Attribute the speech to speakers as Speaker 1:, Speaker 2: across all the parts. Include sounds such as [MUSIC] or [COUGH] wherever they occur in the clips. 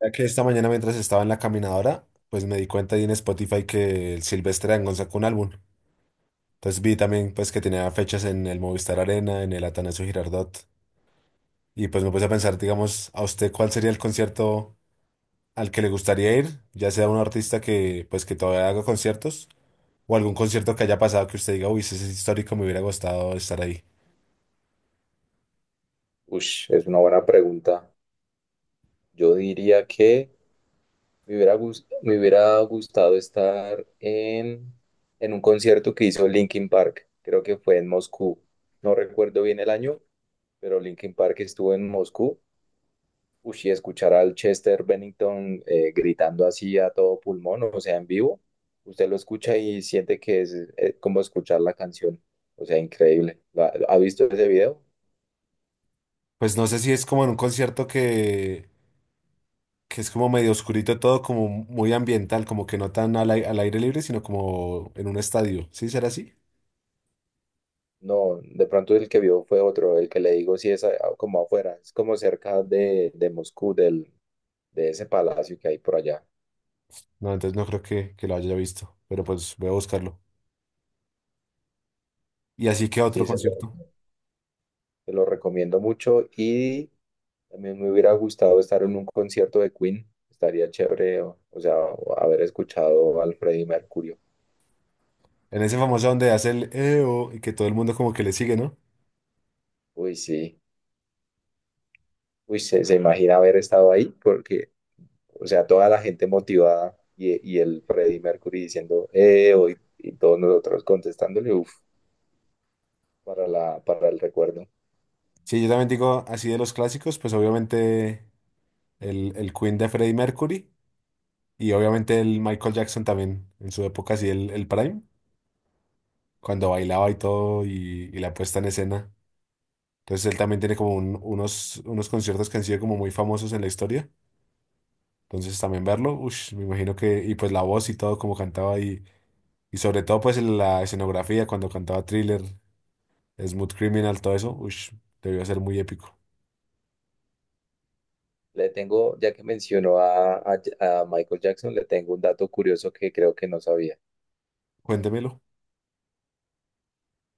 Speaker 1: Ya que esta mañana mientras estaba en la caminadora, pues me di cuenta ahí en Spotify que el Silvestre Dangond sacó un álbum. Entonces vi también pues que tenía fechas en el Movistar Arena, en el Atanasio Girardot. Y pues me puse a pensar, digamos, a usted cuál sería el concierto al que le gustaría ir, ya sea un artista que pues que todavía haga conciertos o algún concierto que haya pasado que usted diga, uy, ese es histórico, me hubiera gustado estar ahí.
Speaker 2: Ush, es una buena pregunta. Yo diría que me hubiera gustado estar en un concierto que hizo Linkin Park. Creo que fue en Moscú. No recuerdo bien el año, pero Linkin Park estuvo en Moscú. Ush, y escuchar al Chester Bennington gritando así a todo pulmón, o sea, en vivo. Usted lo escucha y siente que es como escuchar la canción. O sea, increíble. ¿Ha visto ese video?
Speaker 1: Pues no sé si es como en un concierto que es como medio oscurito todo, como muy ambiental, como que no tan al, al aire libre, sino como en un estadio. ¿Sí será así?
Speaker 2: No, de pronto el que vio fue otro, el que le digo sí es como afuera, es como cerca de Moscú, de ese palacio que hay por allá.
Speaker 1: No, entonces no creo que lo haya visto, pero pues voy a buscarlo. Y así que otro
Speaker 2: Sí,
Speaker 1: concierto.
Speaker 2: se lo recomiendo mucho y también me hubiera gustado estar en un concierto de Queen, estaría chévere, o sea, o haber escuchado al Freddie Mercury.
Speaker 1: En ese famoso donde hace el EO y que todo el mundo como que le sigue, ¿no?
Speaker 2: Uy, sí, uy, se imagina haber estado ahí porque, o sea, toda la gente motivada y el Freddie Mercury diciendo, hoy, y todos nosotros contestándole, uff, para para el recuerdo.
Speaker 1: Sí, yo también digo así de los clásicos, pues obviamente el Queen de Freddie Mercury y obviamente el Michael Jackson también en su época, así el Prime, cuando bailaba y todo y la puesta en escena. Entonces él también tiene como unos, unos conciertos que han sido como muy famosos en la historia. Entonces también verlo, ush, me imagino que, y pues la voz y todo como cantaba y sobre todo pues en la escenografía cuando cantaba Thriller, Smooth Criminal, todo eso, ush, debió ser muy épico.
Speaker 2: Le tengo, ya que mencionó a Michael Jackson, le tengo un dato curioso que creo que no sabía.
Speaker 1: Cuéntemelo.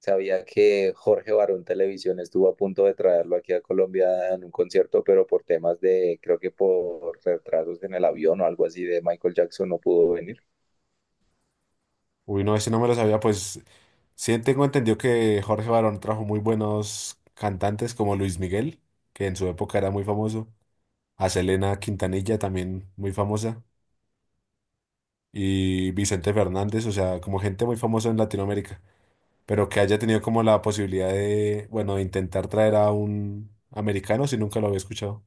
Speaker 2: Sabía que Jorge Barón Televisión estuvo a punto de traerlo aquí a Colombia en un concierto, pero por temas de, creo que por retrasos en el avión o algo así de Michael Jackson no pudo venir.
Speaker 1: Uy, no, ese no me lo sabía, pues sí tengo entendido que Jorge Barón trajo muy buenos cantantes como Luis Miguel, que en su época era muy famoso, a Selena Quintanilla también muy famosa, y Vicente Fernández, o sea, como gente muy famosa en Latinoamérica, pero que haya tenido como la posibilidad de, bueno, de intentar traer a un americano, si nunca lo había escuchado.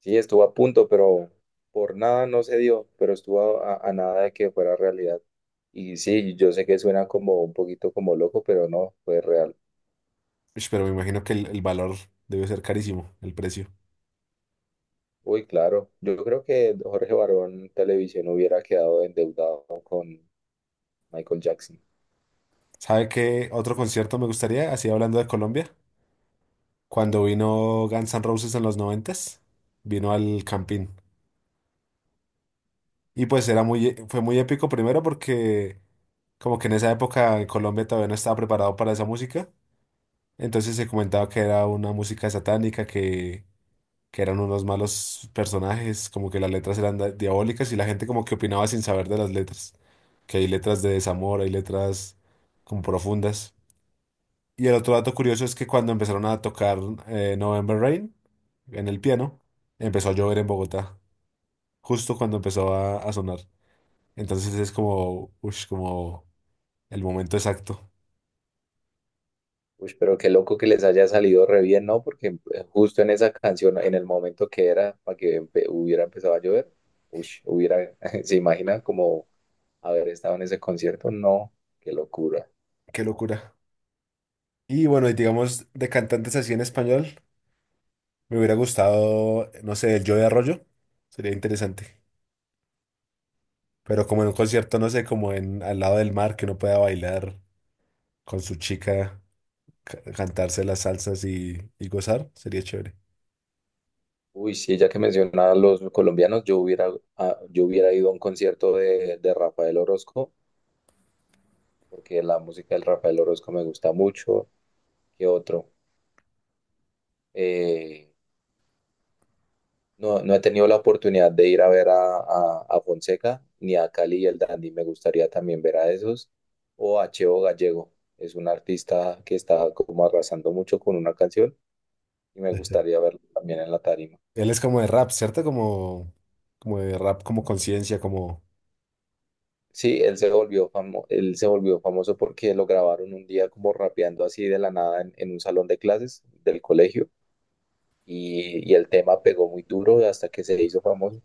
Speaker 2: Sí, estuvo a punto, pero por nada no se dio, pero estuvo a nada de que fuera realidad. Y sí, yo sé que suena como un poquito como loco, pero no, fue real.
Speaker 1: Ush, pero me imagino que el valor debe ser carísimo, el precio.
Speaker 2: Uy, claro. Yo creo que Jorge Barón Televisión hubiera quedado endeudado con Michael Jackson.
Speaker 1: ¿Sabe qué otro concierto me gustaría? Así hablando de Colombia, cuando vino Guns N' Roses en los noventas, vino al Campín. Y pues era muy, fue muy épico primero porque como que en esa época en Colombia todavía no estaba preparado para esa música. Entonces se comentaba que era una música satánica, que eran unos malos personajes, como que las letras eran diabólicas y la gente como que opinaba sin saber de las letras, que hay letras de desamor, hay letras como profundas. Y el otro dato curioso es que cuando empezaron a tocar November Rain en el piano, empezó a llover en Bogotá, justo cuando empezó a sonar. Entonces es como, ush, como el momento exacto.
Speaker 2: Uy, pero qué loco que les haya salido re bien, ¿no? Porque justo en esa canción, en el momento que era para que hubiera empezado a llover, uy, hubiera, [LAUGHS] ¿se imagina como haber estado en ese concierto? No, qué locura.
Speaker 1: Qué locura. Y bueno, y digamos de cantantes así en español. Me hubiera gustado, no sé, el Joe de Arroyo. Sería interesante. Pero como en un concierto, no sé, como en al lado del mar, que uno pueda bailar con su chica, cantarse las salsas y gozar, sería chévere.
Speaker 2: Uy, sí, ya que mencionaba a los colombianos, yo hubiera ido a un concierto de Rafael Orozco, porque la música del Rafael Orozco me gusta mucho. ¿Qué otro? Eh, No, no he tenido la oportunidad de ir a ver a Fonseca ni a Cali y el Dandy. Me gustaría también ver a esos. O a Cheo Gallego. Es un artista que está como arrasando mucho con una canción y me gustaría verlo también en la tarima.
Speaker 1: Él es como de rap, ¿cierto? Como, como de rap, como conciencia, como...
Speaker 2: Sí, él se volvió famoso porque lo grabaron un día como rapeando así de la nada en un salón de clases del colegio y el tema pegó muy duro hasta que se hizo famoso.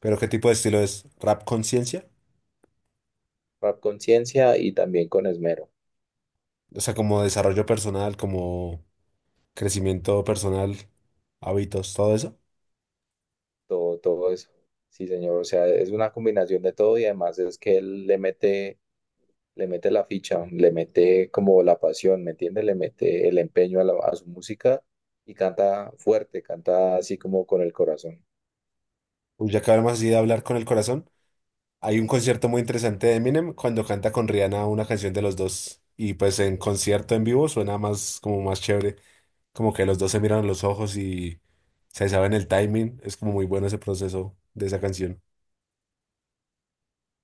Speaker 1: Pero ¿qué tipo de estilo es? ¿Rap conciencia?
Speaker 2: Rap Conciencia y también con Esmero.
Speaker 1: O sea, como desarrollo personal, como crecimiento personal, hábitos, todo eso.
Speaker 2: Todo, todo eso. Sí, señor, o sea, es una combinación de todo y además es que le mete la ficha, le mete como la pasión, ¿me entiende? Le mete el empeño a su música y canta fuerte, canta así como con el corazón.
Speaker 1: Uy, ya acabamos así de hablar con el corazón. Hay un concierto muy interesante de Eminem cuando canta con Rihanna una canción de los dos. Y pues en concierto en vivo suena más como más chévere. Como que los dos se miran a los ojos y se saben el timing. Es como muy bueno ese proceso de esa canción.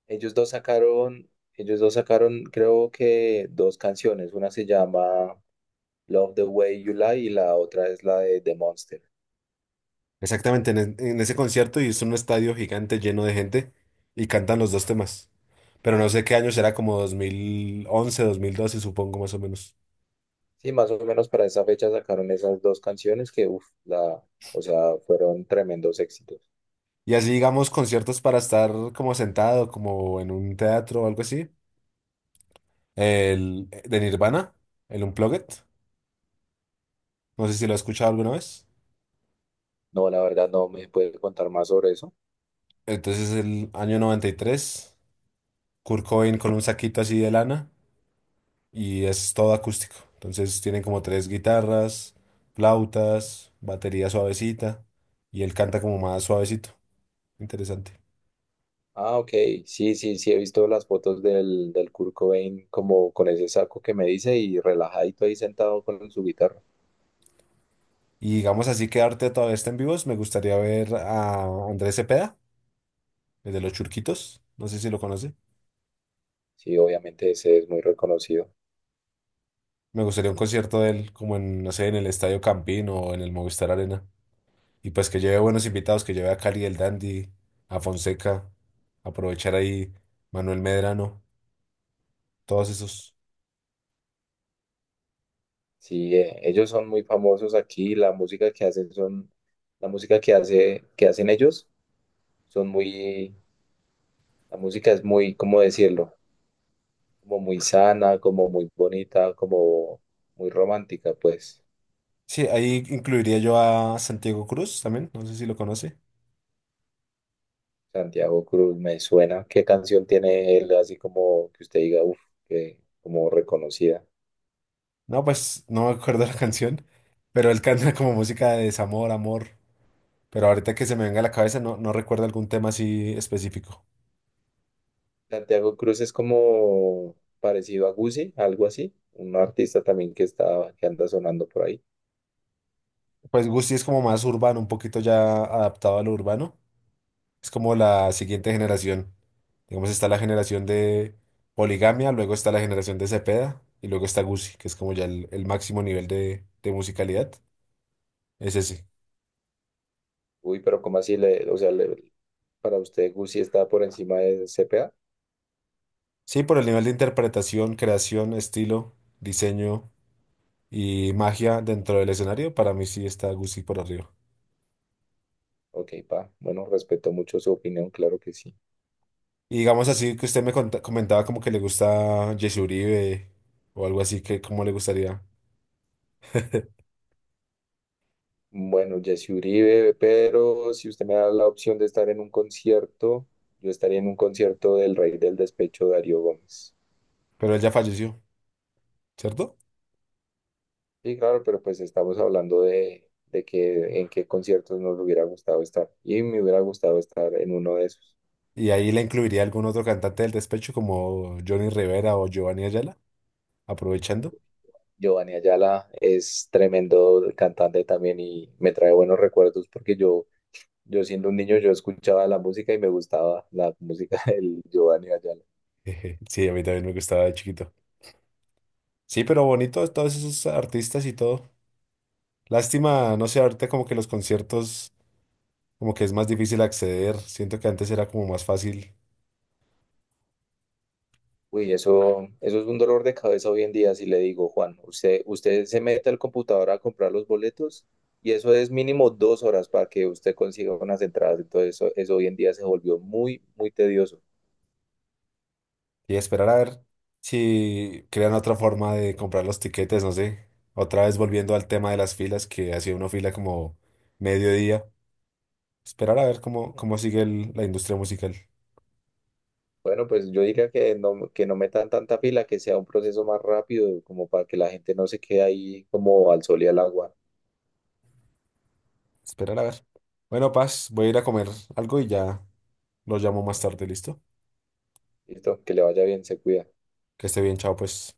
Speaker 2: Ellos dos sacaron, creo que dos canciones, una se llama Love the Way You Lie y la otra es la de The Monster.
Speaker 1: Exactamente, en ese concierto y es un estadio gigante lleno de gente y cantan los dos temas. Pero no sé qué año será, como 2011, 2012 supongo, más o menos.
Speaker 2: Sí, más o menos para esa fecha sacaron esas dos canciones que, uff, la, o sea, fueron tremendos éxitos.
Speaker 1: Y así digamos conciertos para estar como sentado, como en un teatro o algo así. El de Nirvana, el Unplugged. No sé si lo has escuchado alguna vez.
Speaker 2: No, la verdad no me puede contar más sobre eso.
Speaker 1: Entonces el año 93 Kurt Cobain con un saquito así de lana, y es todo acústico. Entonces tienen como tres guitarras, flautas, batería suavecita, y él canta como más suavecito. Interesante.
Speaker 2: Ah, ok. Sí, sí, sí, he visto las fotos del Kurt Cobain como con ese saco que me dice y relajadito ahí sentado con su guitarra.
Speaker 1: Y digamos así que Arte todavía está en vivos. Me gustaría ver a Andrés Cepeda, el de los Churquitos. No sé si lo conoce.
Speaker 2: Sí, obviamente ese es muy reconocido.
Speaker 1: Me gustaría un concierto de él como en, no sé, en el Estadio Campín o en el Movistar Arena. Y pues que lleve buenos invitados, que lleve a Cali el Dandy, a Fonseca, aprovechar ahí Manuel Medrano, todos esos.
Speaker 2: Sí, ellos son muy famosos aquí. La música que que hacen ellos son muy, la música es muy, ¿cómo decirlo? Como muy sana, como muy bonita, como muy romántica, pues.
Speaker 1: Sí, ahí incluiría yo a Santiago Cruz también, no sé si lo conoce.
Speaker 2: Santiago Cruz, me suena. ¿Qué canción tiene él así como que usted diga, uff, que como reconocida?
Speaker 1: No, pues no me acuerdo la [LAUGHS] canción, pero él canta como música de desamor, amor. Pero ahorita que se me venga a la cabeza no, no recuerdo algún tema así específico.
Speaker 2: Santiago Cruz es como parecido a Guzzi, algo así, un artista también que está, que anda sonando por ahí.
Speaker 1: Pues Gusti es como más urbano, un poquito ya adaptado a lo urbano. Es como la siguiente generación. Digamos, está la generación de Poligamia, luego está la generación de Cepeda y luego está Guzzi, que es como ya el máximo nivel de musicalidad. Es ese.
Speaker 2: Uy, pero ¿cómo así o sea, para usted Guzzi está por encima de CPA?
Speaker 1: Sí, por el nivel de interpretación, creación, estilo, diseño y magia dentro del escenario, para mí sí está Guzzi por arriba.
Speaker 2: Ok, pa, bueno, respeto mucho su opinión, claro que sí.
Speaker 1: Y digamos así que usted me comentaba como que le gusta Jesse Uribe o algo así, que como le gustaría.
Speaker 2: Bueno, Jesse Uribe, pero si usted me da la opción de estar en un concierto, yo estaría en un concierto del Rey del Despecho, Darío Gómez.
Speaker 1: Pero él ya falleció, ¿cierto?
Speaker 2: Sí, claro, pero pues estamos hablando de que en qué conciertos nos hubiera gustado estar. Y me hubiera gustado estar en uno de esos.
Speaker 1: Y ahí la incluiría algún otro cantante del despecho como Johnny Rivera o Giovanni Ayala, aprovechando.
Speaker 2: Giovanni Ayala es tremendo cantante también y me trae buenos recuerdos porque yo siendo un niño, yo escuchaba la música y me gustaba la música [LAUGHS] del Giovanni Ayala.
Speaker 1: Jeje. Sí, a mí también me gustaba de chiquito. Sí, pero bonito todos esos artistas y todo. Lástima, no sé, ahorita como que los conciertos como que es más difícil acceder. Siento que antes era como más fácil,
Speaker 2: Uy, eso es un dolor de cabeza hoy en día, si le digo, Juan, usted se mete al computador a comprar los boletos y eso es mínimo 2 horas para que usted consiga unas entradas. Entonces, eso hoy en día se volvió muy, muy tedioso.
Speaker 1: y esperar a ver si crean otra forma de comprar los tiquetes, no sé. Otra vez volviendo al tema de las filas, que hacía una fila como mediodía. Esperar a ver cómo, cómo sigue la industria musical.
Speaker 2: Bueno, pues yo diría que no metan tanta fila, que sea un proceso más rápido, como para que la gente no se quede ahí como al sol y al agua.
Speaker 1: Esperar a ver. Bueno, Paz, voy a ir a comer algo y ya lo llamo más tarde, ¿listo?
Speaker 2: Listo, que le vaya bien, se cuida.
Speaker 1: Que esté bien, chao, pues.